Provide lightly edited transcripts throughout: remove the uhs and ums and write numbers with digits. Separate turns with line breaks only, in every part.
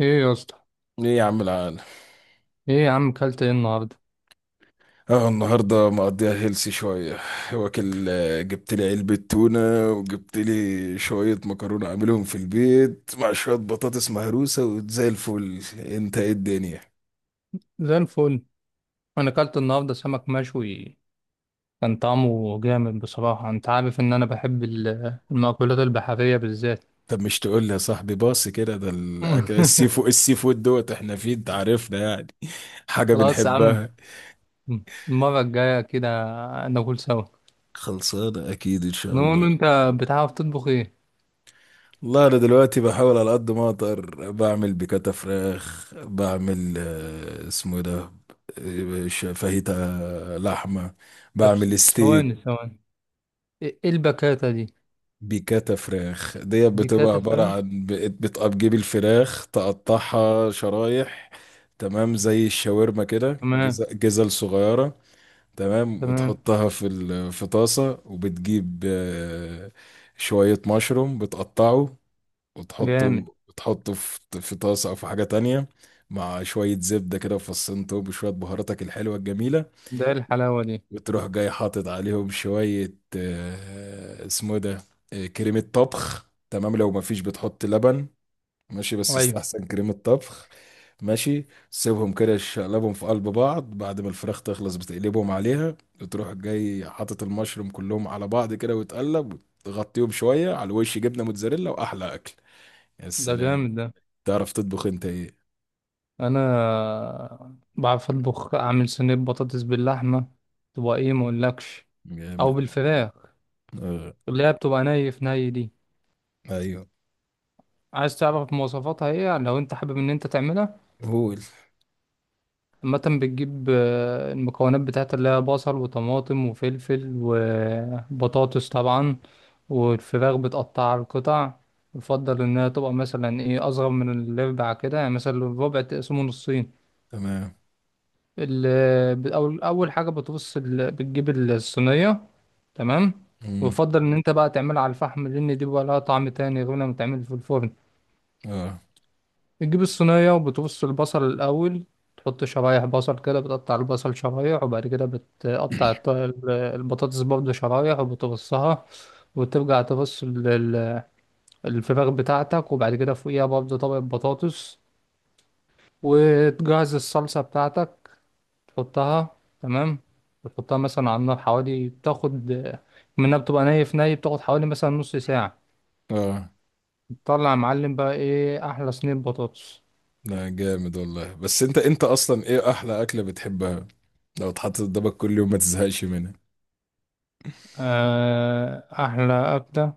ايه يا اسطى؟
ايه يا عم العال.
ايه يا عم كلت ايه النهارده؟
اه، النهارده مقضيها هيلسي شويه واكل، جبت لي علبه تونه وجبت لي شويه مكرونه اعملهم في البيت مع شويه بطاطس مهروسه وزي الفل. انت ايه الدنيا؟
زي الفل. انا كلت النهارده سمك مشوي، كان طعمه جامد بصراحه. انت عارف ان انا بحب المأكولات البحريه بالذات.
طب مش تقول لي يا صاحبي؟ باص كده، ده الأكل السي فود، السي فود دوت احنا فيه انت عارفنا يعني. حاجة
خلاص يا عم،
بنحبها.
المره الجايه كده ناكل سوا.
خلصانه اكيد ان شاء
نقول
الله.
انت، بتعرف تطبخ ايه؟
والله انا دلوقتي بحاول على قد ما اقدر، بعمل بيكاتا فراخ، بعمل اسمه ده، فاهيتا، لحمة،
طب
بعمل ستيك.
ثواني ثواني، إيه البكاته دي؟
بيكاتا فراخ ديت
دي
بتبقى
كاته
عبارة
فراخ.
عن بتجيب الفراخ تقطعها شرايح، تمام، زي الشاورما كده
تمام.
جزل صغيرة، تمام،
تمام.
وتحطها في طاسة، وبتجيب شوية مشروم بتقطعه،
جامد.
وتحطه تحطه في في طاسة أو في حاجة تانية، مع شوية زبدة كده وفصين توب وشوية بهاراتك الحلوة الجميلة.
ده إيه الحلاوه دي؟
وتروح جاي حاطط عليهم شوية اسمه إيه ده، كريمة طبخ. تمام، لو مفيش بتحط لبن، ماشي، بس
ايوه.
يستحسن كريمة طبخ. ماشي، سيبهم كده شقلبهم في قلب بعض، بعد ما الفراخ تخلص بتقلبهم عليها. وتروح جاي حاطط المشروم كلهم على بعض كده وتقلب، وتغطيهم شوية على الوش جبنة موتزاريلا، وأحلى أكل. يا
ده
سلام.
جامد ده.
تعرف تطبخ أنت إيه؟
انا بعرف اطبخ، اعمل صينيه بطاطس باللحمه، تبقى ايه ما اقولكش. او
جامد.
بالفراخ،
آه.
اللي هي بتبقى ني في ني دي.
أيوه.
عايز تعرف مواصفاتها ايه لو انت حابب ان انت تعملها؟
قول.
عامه بتجيب المكونات بتاعتها، اللي هي بصل وطماطم وفلفل وبطاطس طبعا، والفراخ بتقطعها لقطع. يفضل انها تبقى مثلا ايه، اصغر من الربع كده، يعني مثلا الربع تقسمه نصين.
تمام.
أول أول حاجة بتبص بتجيب الصينية. تمام.
مم.
ويفضل إن أنت بقى تعملها على الفحم، لأن دي بقى لها طعم تاني غير لما تعمل في الفرن.
آه.
بتجيب الصينية وبتبص البصل الأول، تحط شرايح بصل كده، بتقطع البصل شرايح، وبعد كده بتقطع البطاطس برضه شرايح وبتبصها. وترجع تبص الفراخ بتاعتك، وبعد كده فوقيها برضه طبق بطاطس، وتجهز الصلصة بتاعتك، تحطها. تمام. بتحطها مثلا على النار، حوالي بتاخد منها، بتبقى ني في ني، بتاخد حوالي مثلا نص ساعة.
آه.
تطلع يا معلم بقى ايه، أحلى صينية بطاطس.
لا جامد والله، بس انت اصلا ايه احلى اكله بتحبها، لو اتحطت قدامك كل يوم ما تزهقش
أحلى أكلة،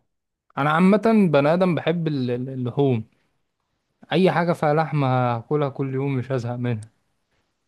أنا عامة بني آدم بحب اللحوم. أي حاجة فيها لحمة هاكلها كل يوم مش هزهق منها.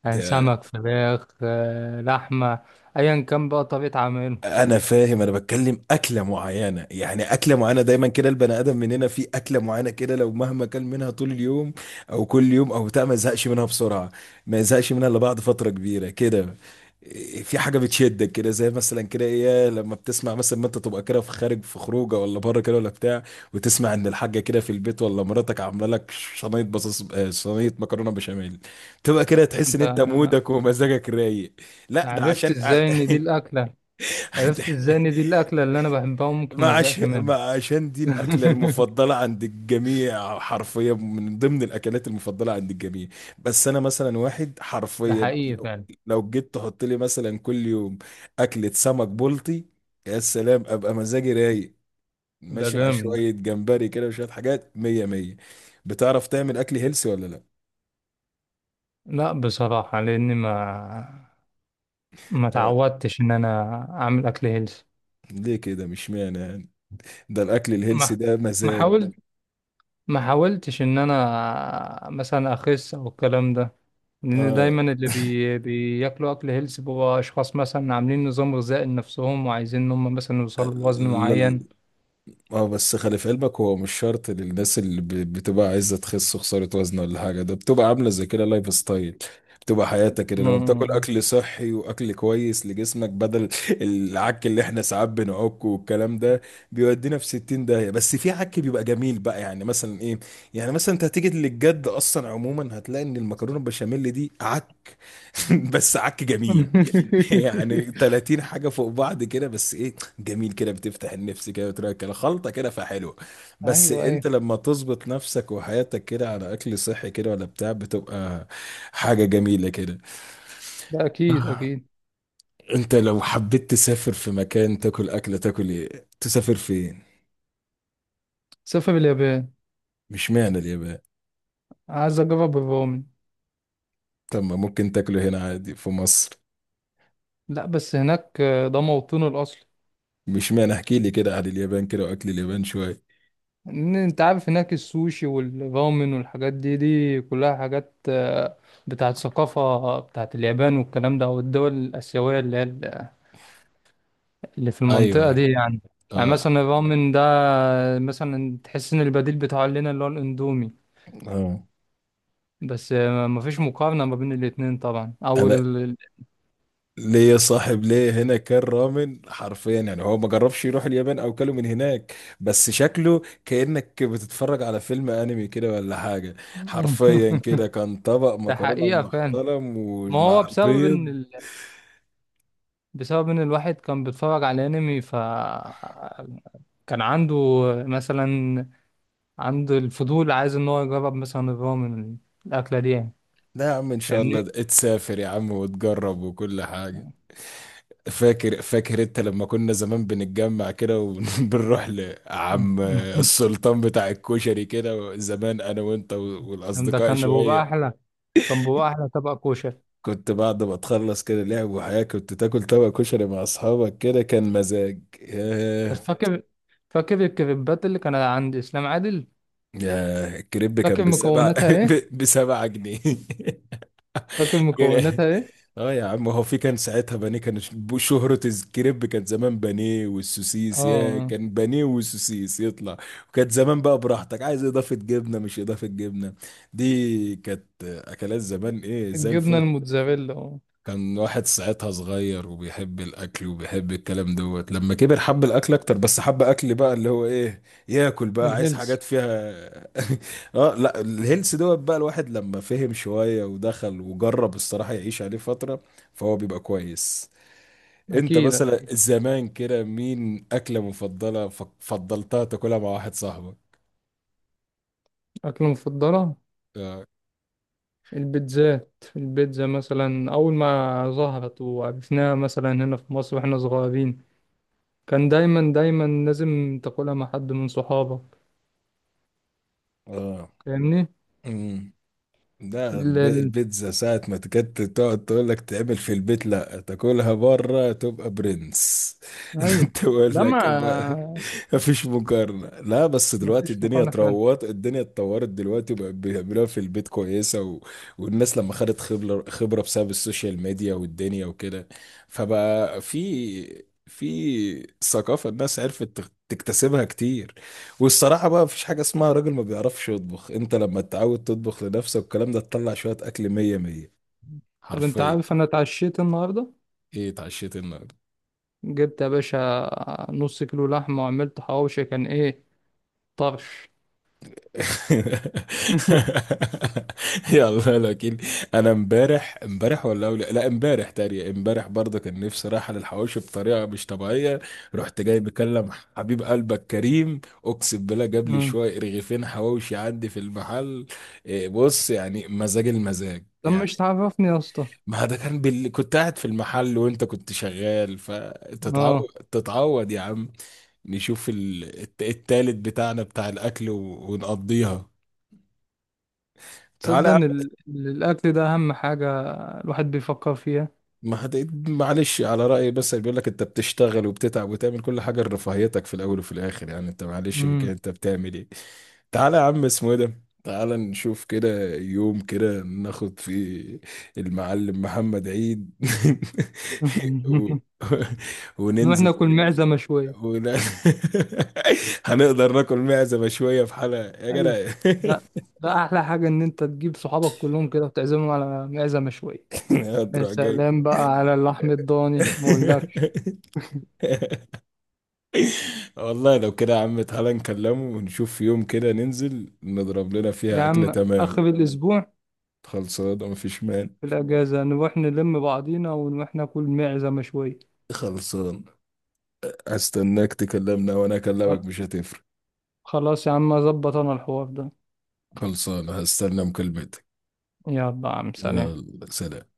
يعني
منها؟
سمك، فراخ، لحمة، أيا كان بقى طريقة عمله.
انا فاهم، انا بتكلم اكله معينه يعني، اكله معينه دايما كده البني ادم مننا في اكله معينه كده لو مهما كان منها طول اليوم، او كل يوم او بتاع ما يزهقش منها بسرعه، ما يزهقش منها الا بعد فتره كبيره كده. في حاجه بتشدك كده زي مثلا كده ايه، لما بتسمع مثلا ما انت تبقى كده في خارج، في خروجه ولا بره كده ولا بتاع، وتسمع ان الحاجه كده في البيت ولا مراتك عامله لك صينيه بطاطس، صينيه مكرونه بشاميل، تبقى كده تحس ان
أنت
انت مودك ومزاجك رايق. لا، ده
عرفت
عشان
إزاي إن دي الأكلة؟ عرفت إزاي إن دي الأكلة اللي أنا بحبها وممكن ما أزهقش منها؟
ما عشان دي الأكلة المفضلة عند الجميع، حرفيا من ضمن الأكلات المفضلة عند الجميع. بس أنا مثلا واحد،
ده
حرفيا
حقيقي
لو,
فعلا.
لو جيت تحط لي مثلا كل يوم أكلة سمك بلطي، يا سلام، أبقى مزاجي رايق،
ده
ماشي على
جامد ده.
شوية جمبري كده وشوية حاجات مية مية. بتعرف تعمل أكل هيلسي ولا لأ؟
لا بصراحة، لأني ما
آه.
تعودتش إن أنا أعمل أكل هيلث.
ليه كده؟ مش معنى يعني، ده الأكل الهيلسي
ما
ده
ما
مزاج.
حاولت، ما حاولتش إن أنا مثلا أخس أو الكلام ده، لأن
آه.
دايما بياكلوا أكل هيلث بيبقوا أشخاص مثلا عاملين نظام غذائي لنفسهم وعايزين إن هم مثلا يوصلوا لوزن معين.
اه بس خلي في علمك، هو مش شرط للناس اللي بتبقى عايزه تخس وخساره وزن ولا حاجه، ده بتبقى عامله زي كده لايف ستايل، بتبقى حياتك كده لما بتاكل
مم.
اكل صحي واكل كويس لجسمك بدل العك اللي احنا ساعات بنعكه والكلام ده بيودينا في 60 داهيه. بس في عك بيبقى جميل بقى، يعني مثلا ايه، يعني مثلا انت هتيجي للجد اصلا، عموما هتلاقي ان المكرونه البشاميل دي بس عك جميل، يعني 30 حاجة فوق بعض كده، بس ايه جميل كده بتفتح النفس كده بتراك كده خلطة كده فحلوة. بس
أيوه، أيوه.
انت لما تظبط نفسك وحياتك كده على اكل صحي كده ولا بتاع بتبقى حاجة جميلة كده.
ده أكيد،
آه،
أكيد.
انت لو حبيت تسافر في مكان تاكل اكلة، تاكل ايه؟ تسافر فين؟
سافر اليابان.
مش معنى اليابان.
عايز أجرب الرومن.
طب ما ممكن تاكله هنا عادي في مصر.
لا بس هناك ده موطنه الأصلي.
مش معنى، احكي لي كده عن اليابان كده واكل اليابان شوية.
إن أنت عارف هناك السوشي والرامن والحاجات دي، دي كلها حاجات بتاعت ثقافة، بتاعت اليابان والكلام ده والدول الآسيوية اللي هي اللي في
ايوه
المنطقة
ايوه.
دي يعني. يعني
اه.
مثلا الرامن ده، مثلا تحس إن البديل بتاعه لنا اللي هو الأندومي.
اه.
بس مفيش مقارنة ما بين الاتنين طبعا، أو
انا ليه يا صاحب، ليه هنا كان رامن حرفيا يعني، هو ما جربش يروح اليابان او كله من هناك، بس شكله كأنك بتتفرج على فيلم انمي كده ولا حاجة، حرفيا كده كان طبق
ده
مكرونة
حقيقة فعلا.
محترم
ما هو
ومع
بسبب إن
البيض.
بسبب ان الواحد كان بيتفرج على انمي، ف كان عنده مثلا، عنده الفضول عايز ان هو يجرب مثلا الرامن، الاكله دي يعني.
لا يا عم، ان شاء
فاهمني.
الله تسافر يا عم وتجرب وكل حاجة. فاكر، فاكر انت لما كنا زمان بنتجمع كده وبنروح لعم السلطان بتاع الكشري كده زمان، انا وانت
ده
والاصدقاء
كان بيبقى
شوية،
احلى، كان بيبقى احلى طبق كوشه.
كنت بعد ما تخلص كده لعب وحياة كنت تاكل طبق كشري مع أصحابك كده، كان مزاج
بس
ياه.
فاكر الكريبات اللي كانت عند اسلام عادل؟
ياه الكريب كان
فاكر
بسبعة،
مكوناتها ايه؟
بسبعة جنيه.
فاكر
كان-،
مكوناتها ايه؟
اه يا عم، هو في كان ساعتها بانيه، شهرة الكريب كان زمان بانيه
اه.
والسوسيس، يا
آه.
كان بانيه والسوسيس يطلع. وكانت زمان بقى براحتك عايز اضافة جبنة مش اضافة جبنة، دي كانت اكلات زمان ايه زي
الجبنه
الفل.
الموتزاريلا، اه.
كان واحد ساعتها صغير وبيحب الاكل وبيحب الكلام دوت، لما كبر حب الاكل اكتر بس حب اكل بقى اللي هو ايه، ياكل بقى عايز
الهيلث.
حاجات فيها. اه لا الهيلث دوت، بقى الواحد لما فهم شوية ودخل وجرب، الصراحة يعيش عليه فترة فهو بيبقى كويس. انت
اكيد،
مثلا
اكيد.
زمان كده مين اكلة مفضلة فضلتها تاكلها مع واحد صاحبك؟
اكله مفضله؟
اه.
البيتزات، البيتزا مثلا أول ما ظهرت وعرفناها مثلا هنا في مصر واحنا صغيرين، كان دايما دايما لازم تاكلها مع حد من صحابك. فاهمني.
اه. ده
ال... ال...
البيتزا ساعة ما تكت تقعد تقول لك تعمل في البيت لا، تاكلها بره تبقى برنس.
أيوه.
تقول
ده ما
لك مفيش مقارنة. لا بس دلوقتي
مفيش
الدنيا
مقارنة فعلا.
اتروت، الدنيا اتطورت دلوقتي وبقت بيعملوها في البيت كويسة والناس لما خدت خبرة، خبرة بسبب السوشيال ميديا والدنيا وكده، فبقى في ثقافة الناس عرفت تكتسبها كتير. والصراحة بقى مفيش حاجة اسمها راجل ما بيعرفش يطبخ، انت لما تتعود تطبخ لنفسك والكلام ده تطلع شوية أكل مية مية
طب أنت
حرفيا.
عارف أنا اتعشيت النهاردة؟
ايه اتعشيت النهاردة؟
جبت يا باشا نص كيلو لحمة وعملت حواوشي، كان إيه، طرش.
يلا لكن. انا امبارح، لا، امبارح، تاني امبارح برضه كان نفسي رايحه للحواوشي بطريقه مش طبيعيه. رحت جاي بكلم حبيب قلبك كريم، اقسم بالله جاب لي
مم.
شويه رغيفين حواوشي عندي في المحل. بص يعني مزاج المزاج
طب مش
يعني.
تعرفني يا اسطى؟
ما ده كان كنت قاعد في المحل وانت كنت شغال، فتتعود
اه.
تتعود يا عم. نشوف التالت بتاعنا بتاع الاكل ونقضيها.
تصدق
تعالى.
ان الاكل ده اهم حاجه الواحد بيفكر فيها.
ما هت... معلش على رأيي، بس بيقول لك انت بتشتغل وبتتعب وتعمل كل حاجة لرفاهيتك، في الأول وفي الآخر يعني انت معلش كده،
مم.
انت بتعمل ايه. تعالى يا عم، اسمه ايه ده، تعالى نشوف كده يوم كده ناخد فيه المعلم محمد عيد. و...
نروح
وننزل
ناكل
كده.
معزة شوية.
ون... هنقدر ناكل معزة شوية في حلقة يا
ايوه.
جدع.
ده، ده أحلى حاجة إن أنت تجيب صحابك كلهم كده وتعزمهم على معزة مشوية. يا
هتروح جاي.
سلام بقى على اللحم الضاني ما أقولكش.
والله لو كده يا عم تعالى نكلمه ونشوف يوم كده ننزل نضرب لنا
يا
فيها أكلة
عم، آخر
تمام.
الأسبوع
خلصان ومفيش مان.
في الأجازة نروح نلم بعضينا ونروح ناكل معزة مشوية.
خلصان، هستناك تكلمنا وأنا أكلمك مش هتفرق.
خلاص يا عم، أظبط أنا الحوار ده.
خلصان هستنى مكالمتك.
يلا يا عم، سلام.
يلا سلام.